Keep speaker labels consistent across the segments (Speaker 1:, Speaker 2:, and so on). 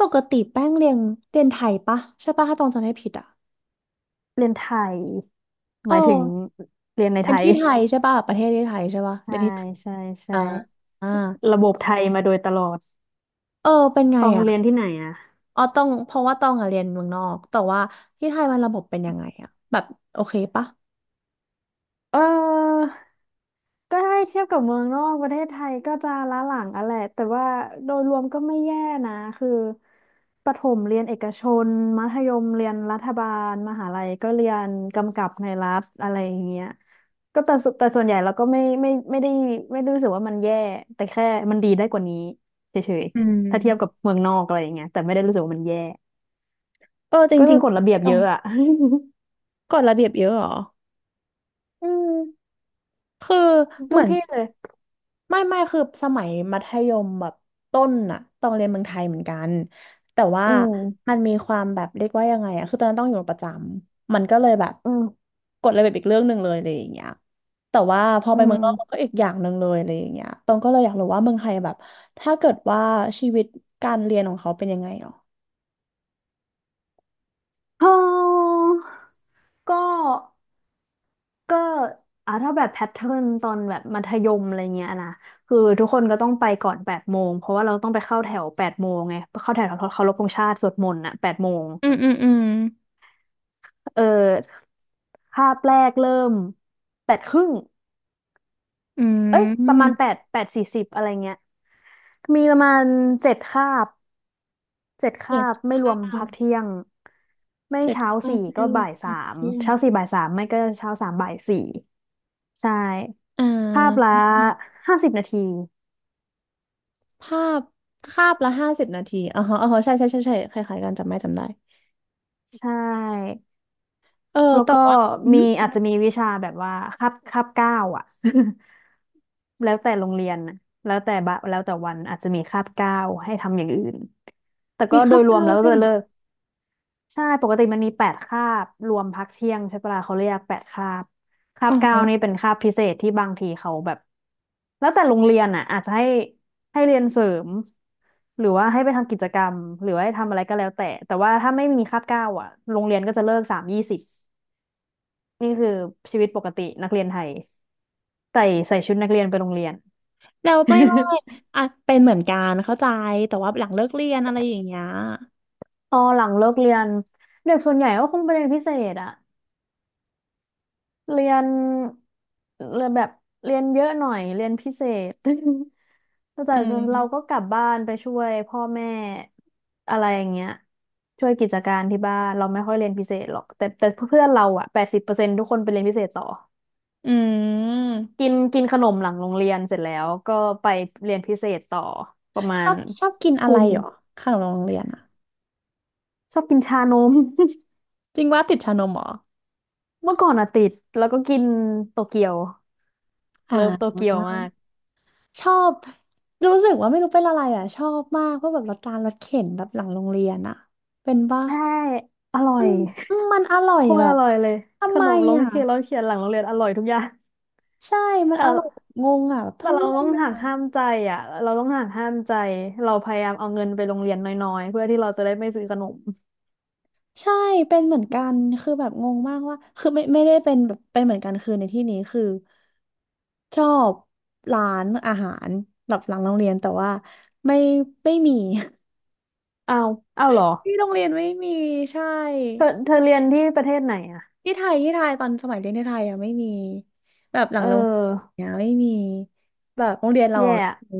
Speaker 1: ปกติแป้งเรียนไทยปะใช่ปะถ้าตองจำไม่ผิดอ่ะ
Speaker 2: เรียนไทยห
Speaker 1: เอ
Speaker 2: มา
Speaker 1: อ
Speaker 2: ยถึงเรียนใน
Speaker 1: เรี
Speaker 2: ไท
Speaker 1: ยน
Speaker 2: ย
Speaker 1: ที่ไทยใช่ปะประเทศที่ไทยใช่ปะ เรี
Speaker 2: ใช่
Speaker 1: ยนที่
Speaker 2: ใช่ใช่
Speaker 1: อ่าอ่า
Speaker 2: ระบบไทยมาโดยตลอด
Speaker 1: เออเป็นไง
Speaker 2: ต้อง
Speaker 1: อ่ะ
Speaker 2: เรียนที่ไหนอ่ะ
Speaker 1: อ๋อต้องเพราะว่าตองอ่ะเรียนเมืองนอกแต่ว่าที่ไทยมันระบบเป็นยังไงอ่ะแบบโอเคปะ
Speaker 2: เออ ก็ได้เทียบกับเมืองนอกประเทศไทยก็จะล้าหลังอะแหละแต่ว่าโดยรวมก็ไม่แย่นะคือประถมเรียนเอกชนมัธยมเรียนรัฐบาลมหาลัยก็เรียนกำกับในรัฐอะไรอย่างเงี้ยก็แต่สุแต่ส่วนใหญ่เราก็ไม่ได้รู้สึกว่ามันแย่แต่แค่มันดีได้กว่านี้เฉย
Speaker 1: อื
Speaker 2: ๆถ้าเทียบกั
Speaker 1: ม
Speaker 2: บเมืองนอกอะไรอย่างเงี้ยแต่ไม่ได้รู้สึกว่ามันแย่
Speaker 1: เออจ
Speaker 2: ก็
Speaker 1: ริ
Speaker 2: คื
Speaker 1: ง
Speaker 2: อกฎระเบียบ
Speaker 1: ๆตร
Speaker 2: เย
Speaker 1: ง
Speaker 2: อะอะ
Speaker 1: กฎระเบียบเยอะเหรอ
Speaker 2: อืม
Speaker 1: คือ เห
Speaker 2: ทุ
Speaker 1: มื
Speaker 2: ก
Speaker 1: อน
Speaker 2: ที่เลย
Speaker 1: ไม่คือสมัยมัธยมแบบต้นอะต้องเรียนเมืองไทยเหมือนกันแต่ว่า
Speaker 2: อื
Speaker 1: มั
Speaker 2: ม
Speaker 1: นมีความแบบเรียกว่ายังไงอะคือตอนนั้นต้องอยู่ประจำมันก็เลยแบบ
Speaker 2: อืม
Speaker 1: กฎระเบียบอีกเรื่องหนึ่งเลยอะไรอย่างเงี้ยแต่ว่าพอ
Speaker 2: อื
Speaker 1: ไปเมืองนอกมันก็
Speaker 2: ม
Speaker 1: อีกอย่างหนึ่งเลยอะไรอย่างเงี้ยตองก็เลยอยากรู้ว่าเมืองไทยแบบถ้าเกิดว่าชีวิตการเรียนของเขาเป็นยังไงหรอ
Speaker 2: ออ ก็ก็อ่ะถ้าแบบแพทเทิร์นตอนแบบมัธยมอะไรเงี้ยนะคือทุกคนก็ต้องไปก่อนแปดโมงเพราะว่าเราต้องไปเข้าแถวแปดโมงไงเข้าแถวเคารพธงชาติสวดมนต์อ่ะแปดโมงเออคาบแรกเริ่ม8 ครึ่ง
Speaker 1: อืม
Speaker 2: เอ้ยประมาณ8 8 สี่สิบอะไรเงี้ยมีประมาณเจ็ดคาบ ไม่รว
Speaker 1: ภา
Speaker 2: มพั
Speaker 1: พ
Speaker 2: กเที่ยงไม่
Speaker 1: เจ็ด
Speaker 2: เช้า
Speaker 1: ภาพ
Speaker 2: สี่
Speaker 1: ไม่
Speaker 2: ก็
Speaker 1: ลง
Speaker 2: บ่ายสา
Speaker 1: พาก
Speaker 2: ม
Speaker 1: เที่ยง
Speaker 2: เช้าสี่บ่ายสามไม่ก็เช้าสามบ่ายสี่ใช่
Speaker 1: อ่
Speaker 2: คาบละ
Speaker 1: า
Speaker 2: 50 นาที
Speaker 1: ภาพคาบละ50 นาทีอ๋อฮะอ๋อฮะใช่ใช่ใช่ใช่คล้ายๆกันจำได้
Speaker 2: ใช่
Speaker 1: เออ
Speaker 2: แล้ว
Speaker 1: แต่
Speaker 2: ก็
Speaker 1: ว่าอื
Speaker 2: มี
Speaker 1: ม
Speaker 2: อาจจะมีวิชาแบบว่าคาบเก้าอ่ะ แล้วแต่โรงเรียนน่ะแล้วแต่วันอาจจะมีคาบเก้าให้ทำอย่างอื่นแต่ก็
Speaker 1: มี
Speaker 2: โด
Speaker 1: ข้าว
Speaker 2: ยรวม
Speaker 1: เจ้า
Speaker 2: แล้วก็
Speaker 1: ด้ว
Speaker 2: จะ
Speaker 1: ย
Speaker 2: เลิก ใช่ปกติมันมีแปดคาบรวมพักเที่ยงใช่ปะล่ะเขาเรียกแปดคาบคา
Speaker 1: อ๋อ
Speaker 2: บเก้า
Speaker 1: ฮะ
Speaker 2: นี่เป็นคาบพิเศษที่บางทีเขาแบบแล้วแต่โรงเรียนอ่ะอาจจะให้ให้เรียนเสริมหรือว่าให้ไปทำกิจกรรมหรือว่าให้ทำอะไรก็แล้วแต่แต่ว่าถ้าไม่มีคาบเก้าอ่ะโรงเรียนก็จะเลิก3:20นี่คือชีวิตปกตินักเรียนไทยใส่ใส่ชุดนักเรียนไปโรงเรียน
Speaker 1: แล้วไม่อ่ะเป็นเหมือนกันเข้าใจแต่ว่าหลังเลิกเรียนอะไรอย่างเงี้ย
Speaker 2: พอหลังเลิกเรียนเด็กส่วนใหญ่ก็คงไปเรียนพิเศษอะเรียนเรียนแบบ เป็นพิเศษ แต่
Speaker 1: อื
Speaker 2: เรา
Speaker 1: ม
Speaker 2: ก็กลับบ้านไปช่วยพ่อแม่อะไรอย่างเงี้ยช่วยกิจการที่บ้านเราไม่ค่อยเรียนพิเศษหรอกแต่เพื่อนเราอะ80%ทุกคนไปเรียนพิเศษต่อ
Speaker 1: อื
Speaker 2: กิ
Speaker 1: ม
Speaker 2: นกินขนมหลังโรงเรียนเสร็จแล้วก็ไปเรียนพิเศษต่อประมา
Speaker 1: ชอ
Speaker 2: ณ
Speaker 1: บชอบกินอะ
Speaker 2: ทุ่
Speaker 1: ไร
Speaker 2: ม
Speaker 1: เหรอขนมโรงเรียนอะ
Speaker 2: ชอบกินชานม
Speaker 1: จริงว่าติดชานมเหรอ
Speaker 2: เมื่อก่อนอะติดแล้วก็กินโตเกียวเลิฟโต
Speaker 1: อ่า
Speaker 2: เกียวมาก
Speaker 1: ชอบรู้สึกว่าไม่รู้เป็นอะไรอ่ะชอบมากเพราะแบบรถการรถเข็นแบบหลังโรงเรียนอ่ะเป็นป่ะ
Speaker 2: ใช่อร่อ
Speaker 1: มัน
Speaker 2: ย
Speaker 1: มันอร่ อ
Speaker 2: โค
Speaker 1: ย
Speaker 2: ต
Speaker 1: แบ
Speaker 2: รอ
Speaker 1: บ
Speaker 2: ร่อยเลยข
Speaker 1: ทำไม
Speaker 2: นมโรง
Speaker 1: อ่ะ
Speaker 2: เรียนเราเขียนหลังโรงเรียนอร่อยทุกอย่าง
Speaker 1: ใช่มัน
Speaker 2: แต่
Speaker 1: อร่อยแบบงงอ่ะแบบ
Speaker 2: แต่
Speaker 1: ทำ
Speaker 2: เรา
Speaker 1: ไม
Speaker 2: ต้องหักห้า
Speaker 1: อ่ะ
Speaker 2: มใจอ่ะเราต้องหักห้ามใจ เราพยายามเอาเงินไปโรงเรียนน้อยๆเพื่อที่เราจะได้ไม่ซื้อขนม
Speaker 1: ใช่เป็นเหมือนกันคือแบบงงมากว่าคือไม่ได้เป็นแบบเป็นเหมือนกันคือในที่นี้คือชอบร้านอาหารแบบหลังโรงเรียนแต่ว่าไม่ไม่มี
Speaker 2: อ้าวอ้าวเหรอ
Speaker 1: ที่โรงเรียนไม่มีใช่
Speaker 2: เธอเรียนที่ประเทศไหนอ่ะ
Speaker 1: ที่ไทยที่ไทยตอนสมัยเรียนที่ไทยอ่ะไม่มีแบบหลั
Speaker 2: เ
Speaker 1: งโรงเรียน
Speaker 2: ออ
Speaker 1: เนี่ยไม่มีแบบโรงเรียนเราอะ
Speaker 2: แย่อะ
Speaker 1: ไม่มี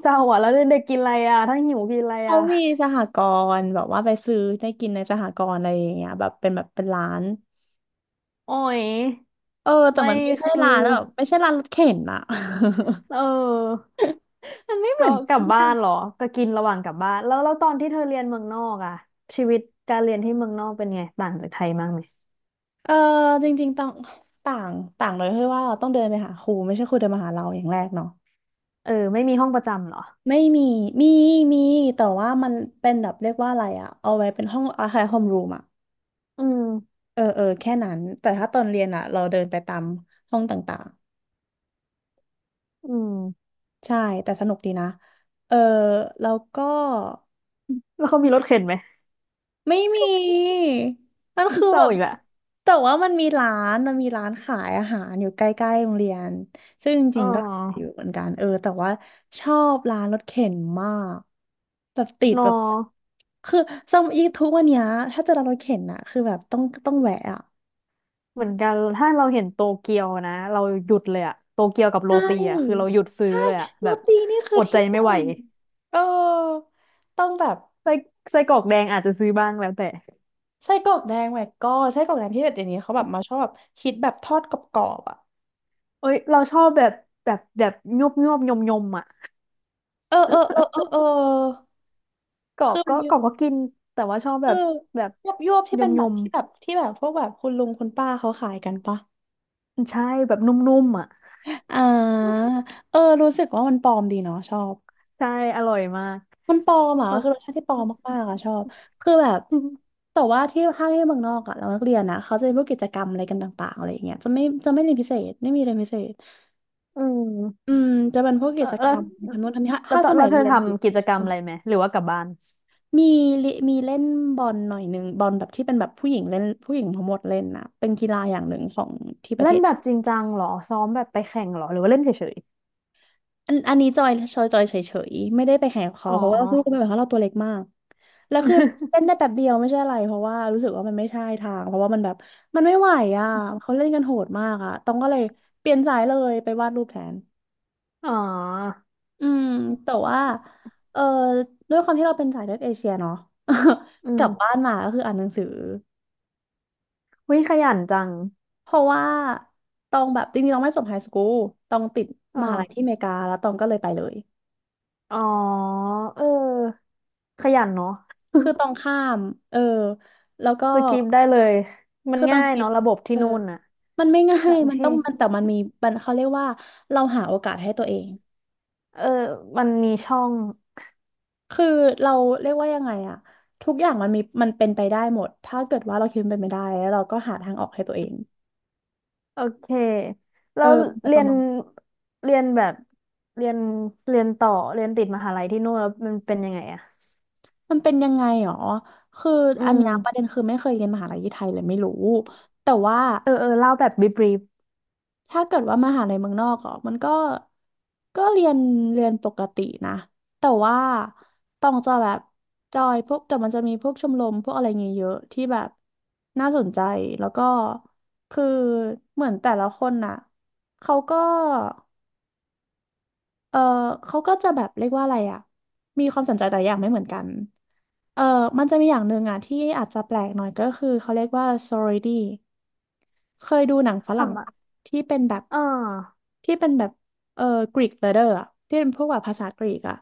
Speaker 2: เศร้าอ่ะแล้วเด็กๆกินอะไรอ่ะถ้าหิวกินอะไร
Speaker 1: เขา
Speaker 2: อ่ะ
Speaker 1: มีสหกรณ์แบบว่าไปซื้อได้กินในสหกรณ์อะไรอย่างเงี้ยแบบเป็นแบบเป็นร้าน
Speaker 2: อ๋อย
Speaker 1: เออแต่
Speaker 2: ไม่
Speaker 1: มันไม่ใช่
Speaker 2: คือ
Speaker 1: ร้านแบบไม่ใช่ร้านรถเข็นอะ
Speaker 2: เ ออ
Speaker 1: มันไม่เห
Speaker 2: ก็
Speaker 1: มือน
Speaker 2: ก
Speaker 1: กั
Speaker 2: ลับ
Speaker 1: น
Speaker 2: บ้านเห
Speaker 1: อะ
Speaker 2: รอก็กินระหว่างกลับบ้านแล้วตอนที่เธอเรียนเมืองนอกอ่ะชีวิตการเรียนที่เมืองนอกเป็นไงต่างจากไทยมากไหม
Speaker 1: เออจริงๆต่างต่างต่างเลยคือว่าเราต้องเดินไปหาครูไม่ใช่ครูเดินมาหาเราอย่างแรกเนาะ
Speaker 2: เออไม่มีห้องประจำเหรอ
Speaker 1: ไม่มีมีมีแต่ว่ามันเป็นแบบเรียกว่าอะไรอะเอาไว้เป็นห้องอาคารโฮมรูมอะ
Speaker 2: อืม
Speaker 1: เออเออแค่นั้นแต่ถ้าตอนเรียนอะเราเดินไปตามห้องต่าง
Speaker 2: อืม
Speaker 1: ๆใช่แต่สนุกดีนะเออแล้วก็
Speaker 2: แล้วเขามีรถเข็นไหม
Speaker 1: ไม่มีมันคือ
Speaker 2: เศ
Speaker 1: แบ
Speaker 2: ร้า
Speaker 1: บ
Speaker 2: อีกละ
Speaker 1: แต่ว่ามันมีร้านมันมีร้านขายอาหารอยู่ใกล้ๆโรงเรียนซึ่งจ
Speaker 2: อ๋
Speaker 1: ริงๆก็อ
Speaker 2: อ
Speaker 1: ยู่เหมือนกันเออแต่ว่าชอบร้านรถเข็นมากแบบติด
Speaker 2: นอ
Speaker 1: แบบคือสมัยทุกวันเนี้ยถ้าจะร้านรถเข็นอะคือแบบต้องแวะอะ
Speaker 2: เหมือนกัน ถ้าเราเห็นโตเกียวนะ เราหยุดเลยอะโตเกียวกับ
Speaker 1: ใช
Speaker 2: โรตีอะคือเรา
Speaker 1: ่
Speaker 2: หยุดซื้อ
Speaker 1: ใช่
Speaker 2: เลยอะ
Speaker 1: โร
Speaker 2: แบบ
Speaker 1: ตีนี่คือ
Speaker 2: อดใจ
Speaker 1: ที่ห
Speaker 2: ไม่
Speaker 1: นึ่
Speaker 2: ไหว
Speaker 1: งเออต้องแบบ
Speaker 2: ไส้ไส้กรอกแดงอาจจะซื้อบ้างแล้วแต่
Speaker 1: ไส้กรอกแดงแหวกก้อนไส้กรอกแดงที่แบบเดี๋ยวนี้เขาแบบมาชอบแบบคิดแบบทอดกรอบๆอะ
Speaker 2: เอ้ยเราชอบแบบแบบยุบยุบยมยมๆอะ
Speaker 1: เออเออเออเออเออ
Speaker 2: กรอ
Speaker 1: คื
Speaker 2: บ
Speaker 1: อมั
Speaker 2: ก็
Speaker 1: นมี
Speaker 2: กรอบก็กินแต่ว่าชอบ
Speaker 1: เอ
Speaker 2: แบ
Speaker 1: อ
Speaker 2: บแบบ
Speaker 1: ยวบยวบที่
Speaker 2: ย
Speaker 1: เป็
Speaker 2: ม
Speaker 1: นแบ
Speaker 2: ย
Speaker 1: บ
Speaker 2: ม
Speaker 1: ที่แบบที่แบบพวกแบบคุณลุงคุณป้าเขาขายกันปะ
Speaker 2: ใช่แบบนุ่มๆอะ
Speaker 1: อ่าเออรู้สึกว่ามันปลอมดีเนาะชอบ
Speaker 2: ใช่อร่อยมาก
Speaker 1: มันปลอมอ่ะ
Speaker 2: แล้ว
Speaker 1: คือรสชาติที่ปลอมมากๆอ่ะชอบคือแบบ แต่ว่าที่ถ้าที่เมืองนอกอ่ะเรานักเรียนนะเขาจะมีพวกกิจกรรมอะไรกันต่างๆอะไรอย่างเงี้ยจะไม่เรียนพิเศษไม่มีเรียนพิเศษ
Speaker 2: อื
Speaker 1: อื
Speaker 2: ม
Speaker 1: มจะเป็นพวก
Speaker 2: เอ
Speaker 1: กิ
Speaker 2: อ
Speaker 1: จ
Speaker 2: แล้
Speaker 1: ก
Speaker 2: ว
Speaker 1: รรมทำโน้นทำนี่ถ้า
Speaker 2: แล้ว
Speaker 1: ถ้า
Speaker 2: ตอ
Speaker 1: ส
Speaker 2: นแล้
Speaker 1: มั
Speaker 2: ว
Speaker 1: ย
Speaker 2: เธอ
Speaker 1: เรียนอยู่
Speaker 2: ทำกิจกรรมอะไร ไหมหรือว่ากลับบ้าน
Speaker 1: มีมีเล่นบอลหน่อยหนึ่งบอลแบบที่เป็นแบบผู้หญิงเล่นผู้หญิงทั้งหมดเล่นนะเป็นกีฬาอย่างหนึ่งของที่ประเท
Speaker 2: เล่น
Speaker 1: ศ
Speaker 2: แบบจริงจังเหรอซ้อมแบบไปแข่งเหรอหรือว่าเล่นเฉย
Speaker 1: อันนี้จอยจอยจอยเฉยๆไม่ได้ไปแข่งกับ
Speaker 2: ๆ
Speaker 1: เขา
Speaker 2: อ๋อ
Speaker 1: เพราะว่าเราสู้กันไม่ไหวเพราะเราตัวเล็กมากแล้วคือเล่นได้ แป๊บเดียวไม่ใช่อะไรเพราะว่ารู้สึกว่ามันไม่ใช่ทางเพราะว่ามันแบบมันไม่ไหวอ่ะเขาเล่นกันโหดมากอ่ะต้องก็เลยเปลี่ยนสายเลยไปวาดรูปแทน
Speaker 2: อ๋อ
Speaker 1: อืมแต่ว่าเออด้วยความที่เราเป็นสายเลือดเอเชียเนาะ
Speaker 2: อื
Speaker 1: ก
Speaker 2: ม
Speaker 1: ลับบ้านมาก็คืออ่านหนังสือ
Speaker 2: วิขยันจัง
Speaker 1: เพราะว่าตองแบบจริงๆตองไม่จบไฮสคูลตองติด
Speaker 2: อ๋อ
Speaker 1: มหาลัยที่อเมริกาแล้วตองก็เลยไปเลย
Speaker 2: อ๋อเออขยันเนาะ
Speaker 1: คือตองข้ามเออแล้วก็
Speaker 2: สกิปได้เลยมัน
Speaker 1: คือตอง
Speaker 2: ง่า
Speaker 1: ส
Speaker 2: ย
Speaker 1: กิป
Speaker 2: เนาะระบบที่
Speaker 1: เออ
Speaker 2: นู่นน่ะ
Speaker 1: มันไม่ง่า
Speaker 2: แต
Speaker 1: ยมัน
Speaker 2: ที่
Speaker 1: ต้องมันแต่มันมีมันเขาเรียกว่าเราหาโอกาสให้ตัวเอง
Speaker 2: เออมันมีช่อง
Speaker 1: คือเราเรียกว่ายังไงอะทุกอย่างมันมีมันเป็นไปได้หมดถ้าเกิดว่าเราคิดมันเป็นไปได้แล้วเราก็หาทางออกให้ตัวเอง
Speaker 2: โอเคแล้ว
Speaker 1: มันจะป
Speaker 2: เรีย
Speaker 1: ระ
Speaker 2: น
Speaker 1: มาณ
Speaker 2: เรียนแบบเรียนเรียนต่อเรียนติดมหาลัยที่นู่นแล้วมันเป็นยังไงอะ
Speaker 1: มันเป็นยังไงหรอคือ
Speaker 2: อื
Speaker 1: อัน
Speaker 2: ม
Speaker 1: เนี้ยประเด็นคือไม่เคยเรียนมหาลัยที่ไทยเลยไม่รู้แต่ว่า
Speaker 2: เออเออเล่าแบบบีบรีฟ
Speaker 1: ถ้าเกิดว่ามหาลัยเมืองนอกอ่ะมันก็ก็เรียนเรียนปกตินะแต่ว่าต้องจะแบบจอยพวกแต่มันจะมีพวกชมรมพวกอะไรเงี้ยเยอะที่แบบน่าสนใจแล้วก็คือเหมือนแต่ละคนน่ะเขาก็เออเขาก็จะแบบเรียกว่าอะไรอ่ะมีความสนใจแต่ละอย่างไม่เหมือนกัน เออมันจะมีอย่างหนึ่งอ่ะที่อาจจะแปลกหน่อยก็คือเขาเรียกว่า sorority เคยดูหนังฝรั่ง
Speaker 2: ทำอะ
Speaker 1: ปะที่เป็นแบบ
Speaker 2: อ่า
Speaker 1: ที่เป็นแบบเออกรีกเลเดอร์อะที่เป็นพวกแบบภาษากรีกอะ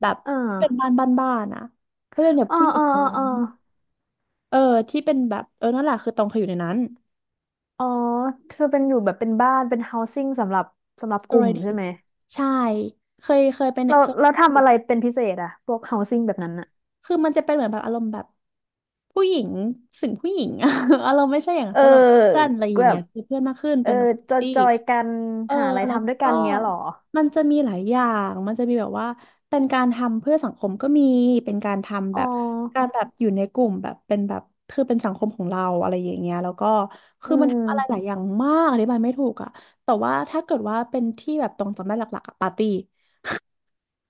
Speaker 1: แบบ
Speaker 2: อ่
Speaker 1: เป็น
Speaker 2: า
Speaker 1: บ้านะก็เป็นแบบ
Speaker 2: อ๋อ
Speaker 1: ผู้หญิ
Speaker 2: อ๋
Speaker 1: ง
Speaker 2: อ
Speaker 1: ล้ว
Speaker 2: อ๋อ
Speaker 1: นเออที่เป็นแบบนั่นแหละคือตรงเคยอยู่ในนั้น
Speaker 2: อ๋อเธอเป็นอยู่แบบเป็นบ้านเป็น housing สำหรับสำหรับกลุ่ม
Speaker 1: sorority
Speaker 2: ใช่ไหม
Speaker 1: ใช่เคยเป็น
Speaker 2: เรา
Speaker 1: เค
Speaker 2: เราทำ
Speaker 1: ย
Speaker 2: อะไรเป็นพิเศษอะพวก housing แบบนั้นอะ
Speaker 1: คือมันจะเป็นเหมือนแบบอารมณ์แบบผู้หญิงสิ่งผู้หญิงอะ อารมณ์ไม่ใช่อย่างนั้น
Speaker 2: เ
Speaker 1: คือเราเพื่อน
Speaker 2: ออ
Speaker 1: อะไรอย่า
Speaker 2: แบ
Speaker 1: งเงี้
Speaker 2: บ
Speaker 1: ยคือเพื่อนมากขึ้น
Speaker 2: เอ
Speaker 1: เป็
Speaker 2: อ
Speaker 1: นแบบคอมมู
Speaker 2: จ
Speaker 1: นิ
Speaker 2: อย
Speaker 1: ตี้
Speaker 2: จอยกัน
Speaker 1: เออ
Speaker 2: หาอะไร
Speaker 1: แล้ว
Speaker 2: ทำด้วยกัน
Speaker 1: ก็
Speaker 2: เงี้ยเหรอ
Speaker 1: มันจะมีหลายอย่างมันจะมีแบบว่าเป็นการทำเพื่อสังคมก็มีเป็นการทำ
Speaker 2: อ๋
Speaker 1: แบบการ
Speaker 2: อ
Speaker 1: แบบอยู่ในกลุ่มแบบเป็นแบบคือเป็นสังคมของเราอะไรอย่างเงี้ยแล้วก็
Speaker 2: อื
Speaker 1: คือมัน
Speaker 2: ม
Speaker 1: ทำอะไรหลายอย่างมากอธิบายไม่ถูกอะแต่ว่าถ้าเกิดว่าเป็นที่แบบตรงจำได้หลักๆอะปาร์ตี้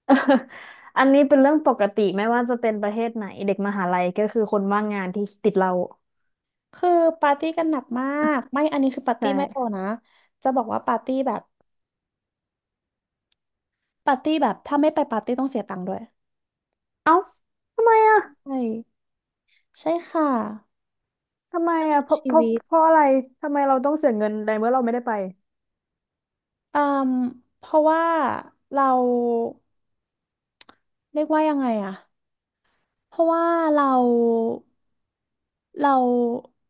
Speaker 2: อันนี้เป็นเรื่องปกติไม่ว่าจะเป็นประเทศไหนเด็กมหาลัยก็คือคนว่างงานที่ติดเรา
Speaker 1: คือปาร์ตี้กันหนักมากไม่อันนี้คือปาร์
Speaker 2: ใช่
Speaker 1: ตี้ไม่พอนะจะบอกว่าปาร์ตี้แบบถ้าไม่ไปปาร์ตี้ต้องเสียตังค์ด้วย
Speaker 2: เอ้าทำไมอะ
Speaker 1: ใช่ใช่ค่ะ
Speaker 2: ทำไม
Speaker 1: นั่น
Speaker 2: อะ
Speaker 1: คือชีวิต
Speaker 2: เพราะอะไรทำไมเราต้องเสียเงินในเมื่อเราไม่ได้ไป
Speaker 1: อืมเพราะว่าเราเรียกว่ายังไงอะเพราะว่าเรา เรา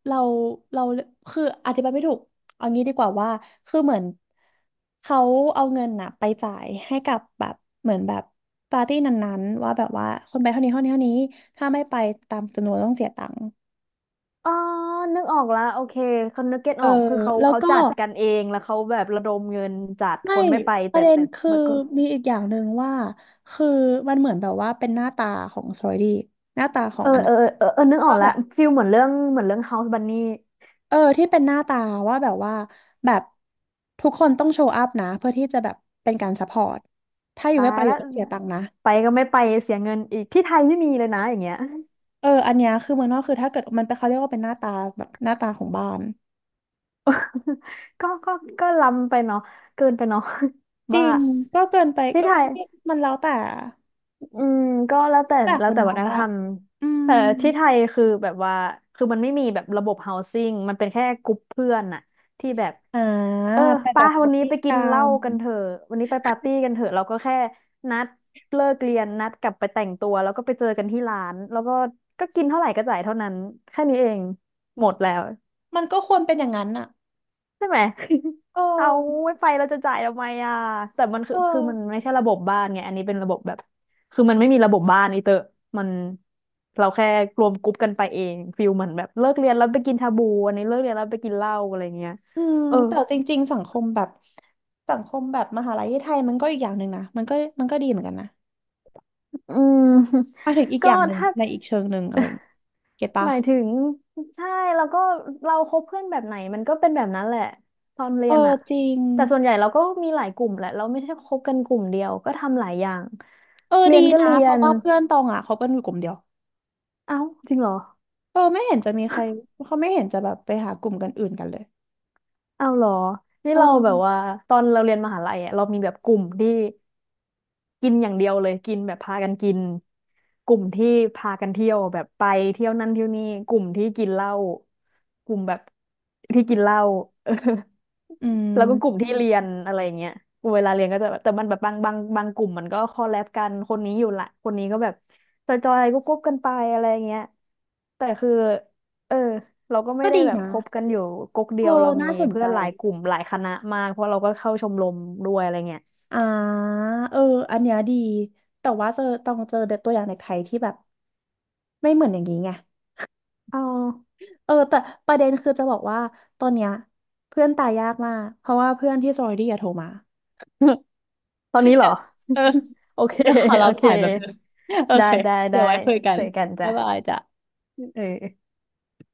Speaker 1: เราเราคืออธิบายไม่ถูกเอางี้ดีกว่าว่าคือเหมือนเขาเอาเงินน่ะไปจ่ายให้กับแบบเหมือนแบบปาร์ตี้นั้นๆว่าแบบว่าคนไปเท่านี้เท่านี้เท่านี้ถ้าไม่ไปตามจำนวนต้องเสียตังค์
Speaker 2: อ๋อนึกออกแล้ว โอเคคนนึกเก็ต
Speaker 1: เอ
Speaker 2: อ
Speaker 1: อ
Speaker 2: อกคือเขา
Speaker 1: แล้ว
Speaker 2: เขา
Speaker 1: ก็
Speaker 2: จัดกันเอง แล้วเขาแบบระดมเงินจัดค
Speaker 1: ไม่
Speaker 2: นไม่ไป
Speaker 1: ป
Speaker 2: แต่
Speaker 1: ระเด็นคือ
Speaker 2: มันก็
Speaker 1: มีอีกอย่างหนึ่งว่าคือมันเหมือนแบบว่าเป็นหน้าตาของซอยดีหน้าตาขอ
Speaker 2: เอ
Speaker 1: ง
Speaker 2: อ
Speaker 1: อัน
Speaker 2: เอ
Speaker 1: นั้น
Speaker 2: อเออเออ นึกออก
Speaker 1: ว่า
Speaker 2: แล้
Speaker 1: แบ
Speaker 2: ว
Speaker 1: บ
Speaker 2: ฟิลเหมือนเรื่องเหมือนเรื่อง House Bunny
Speaker 1: ที่เป็นหน้าตาว่าแบบว่าแบบทุกคนต้องโชว์อัพนะเพื่อที่จะแบบเป็นการซัพพอร์ตถ้าอยู่
Speaker 2: ตา
Speaker 1: ไม่
Speaker 2: ย
Speaker 1: ไปอ
Speaker 2: แล้
Speaker 1: ยู่
Speaker 2: ว
Speaker 1: ต้องเสียตังค์นะ
Speaker 2: ไปก็ไม่ไปเสียเงินอีก ที่ไทยไม่มีเลยนะอย่างเงี้ย
Speaker 1: อันเนี้ยคือเมืองนอกคือถ้าเกิดมันเป็นเขาเรียกว่าเป็นหน้าตาแบบหน้าตาของบ้าน
Speaker 2: ก็ก็ก็ล้ำไปเนาะเกินไปเนาะ
Speaker 1: จ ริ
Speaker 2: ว่า
Speaker 1: งก็เกินไป
Speaker 2: ที่
Speaker 1: ก็
Speaker 2: ไทย
Speaker 1: มันแล้วแต่
Speaker 2: อืมก็แล้วแต่
Speaker 1: แต่
Speaker 2: แล้
Speaker 1: ค
Speaker 2: ว
Speaker 1: น
Speaker 2: แต่
Speaker 1: ม
Speaker 2: วั
Speaker 1: อ
Speaker 2: ฒ
Speaker 1: ง
Speaker 2: นธ
Speaker 1: อะ
Speaker 2: รรม
Speaker 1: อืม
Speaker 2: แต่ที่ไทยคือแบบว่ามันไม่มีแบบระบบ housing มันเป็นแค่กลุ่มเพื่อนน่ะที่แบบ
Speaker 1: อ่า
Speaker 2: เออ
Speaker 1: ไปแบ
Speaker 2: ป้า
Speaker 1: บปา
Speaker 2: วัน
Speaker 1: ร์
Speaker 2: นี้
Speaker 1: ตี้
Speaker 2: ไปกิ
Speaker 1: กั
Speaker 2: นเหล้า
Speaker 1: น
Speaker 2: กันเถอะวันนี้ไปปาร์ตี้กันเถอะเราก็แค่นัดเลิกเรียนนัดกลับไปแต่งตัวแล้วก็ไปเจอกันที่ร้านแล้วก็ก็กินเท่าไหร่ก็จ่ายเท่านั้นแค่นี้เองหมดแล้ว
Speaker 1: มันก็ควรเป็นอย่างนั้นอะ
Speaker 2: ใช่ไหม
Speaker 1: เอ
Speaker 2: เอา
Speaker 1: อ
Speaker 2: ไม่ไปเราจะจ่ายทำไมอ่ะแต่มันคือ
Speaker 1: เอ
Speaker 2: คือ
Speaker 1: อ
Speaker 2: มันไม่ใช่ระบบบ้านไง อันนี้เป็นระบบแบบคือมันไม่มีระบบบ้านอีเตอ มันเราแค่รวมกรุ๊ปกันไปเองฟิลเหมือนแบบเลิกเรียนแล้วไปกินชาบูอันนี้เลิกเรียนแล้วไปกินเหล้าอะไรเงี้ย
Speaker 1: อืม
Speaker 2: เออ
Speaker 1: แต่จริงๆสังคมแบบสังคมแบบมหาลัยที่ไทยมันก็อีกอย่างหนึ่งนะมันก็มันก็ดีเหมือนกันนะ
Speaker 2: อืม
Speaker 1: ห มายถึงอีกอ
Speaker 2: ก็
Speaker 1: ย่างหนึ่ง
Speaker 2: ถ้า
Speaker 1: ในอีกเชิงหนึ่งอะไรอย่างงี้เก็ต
Speaker 2: ห
Speaker 1: ปะ
Speaker 2: มายถึงใช่แล้วก็เราคบเพื่อนแบบไหนมันก็เป็นแบบนั้นแหละตอนเรี
Speaker 1: เออ
Speaker 2: ยนอ่ะ
Speaker 1: จริง
Speaker 2: แต่ส่วนใหญ่เราก็มีหลายกลุ่มแหละเราไม่ใช่คบกันกลุ่มเดียวก็ทำหลายอย่างเรี
Speaker 1: ดี
Speaker 2: ยนก็
Speaker 1: นะ
Speaker 2: เรี
Speaker 1: เพ
Speaker 2: ย
Speaker 1: ราะ
Speaker 2: น
Speaker 1: ว่าเพื่อนตองอ่ะเขาเป็นอยู่กลุ่มเดียว
Speaker 2: เอ้าจริงเหรอ
Speaker 1: ไม่เห็นจะมีใครเขาไม่เห็นจะแบบไปหากลุ่มกันอื่นกันเลย
Speaker 2: อ้าวเหรอนี่
Speaker 1: เอ
Speaker 2: เราแบบว่า
Speaker 1: อ
Speaker 2: ตอนเราเรียนมหาลัยอะเรามีแบบกลุ่มที่ กินอย่างเดียวเลยกินแบบพากันกินกลุ่มที่พากันเที่ยวแบบไปเที่ยวนั่นเที่ยวนี่กลุ่มที่กินเหล้ากลุ่มแบบที่กินเหล้า เออ
Speaker 1: อื
Speaker 2: แล้วก็กลุ่ม
Speaker 1: ม
Speaker 2: ที่เรียนอะไรอย่างเงี้ยเวลาเรียนก็จะแบบแต่มันแบบบางกลุ่มมันก็คอลแลบกันคนนี้อยู่ละคนนี้ก็แบบจอยๆก็กบกันไปอะไรอย่างเงี้ยแต่คือเออเราก็ไม่
Speaker 1: ก็
Speaker 2: ได้
Speaker 1: ดี
Speaker 2: แบบ
Speaker 1: นะ
Speaker 2: คบกันอยู่ก๊กเดี
Speaker 1: เออ
Speaker 2: ยวเรามี
Speaker 1: น่าสน
Speaker 2: เพื่
Speaker 1: ใจ
Speaker 2: อนหลายกลุ่มหลายคณะมากเพราะเราก็เข้าชมรมด้วยอะไรเงี้ย
Speaker 1: อ่าเอออันเนี้ยดีแต่ว่าเจอต้องเจอตัวอย่างในไทยที่แบบไม่เหมือนอย่างนี้ไง
Speaker 2: อ๋อา
Speaker 1: แต่ประเด็นคือจะบอกว่าตอนเนี้ยเพื่อนตายยากมากเพราะว่าเพื่อนที่ซอยดี้อะโทรมา
Speaker 2: ตอนนี้เหรอ
Speaker 1: เออ
Speaker 2: โอเค
Speaker 1: เดี๋ยวขอรั
Speaker 2: โอ
Speaker 1: บ
Speaker 2: เค
Speaker 1: สายแบบนึงโอ
Speaker 2: ได้
Speaker 1: เค
Speaker 2: ได้
Speaker 1: เดี๋
Speaker 2: ได้
Speaker 1: ยวไว้คุยกัน
Speaker 2: เจอกัน
Speaker 1: บ๊า
Speaker 2: จ้ะ
Speaker 1: ยบายจ้ะ
Speaker 2: เออ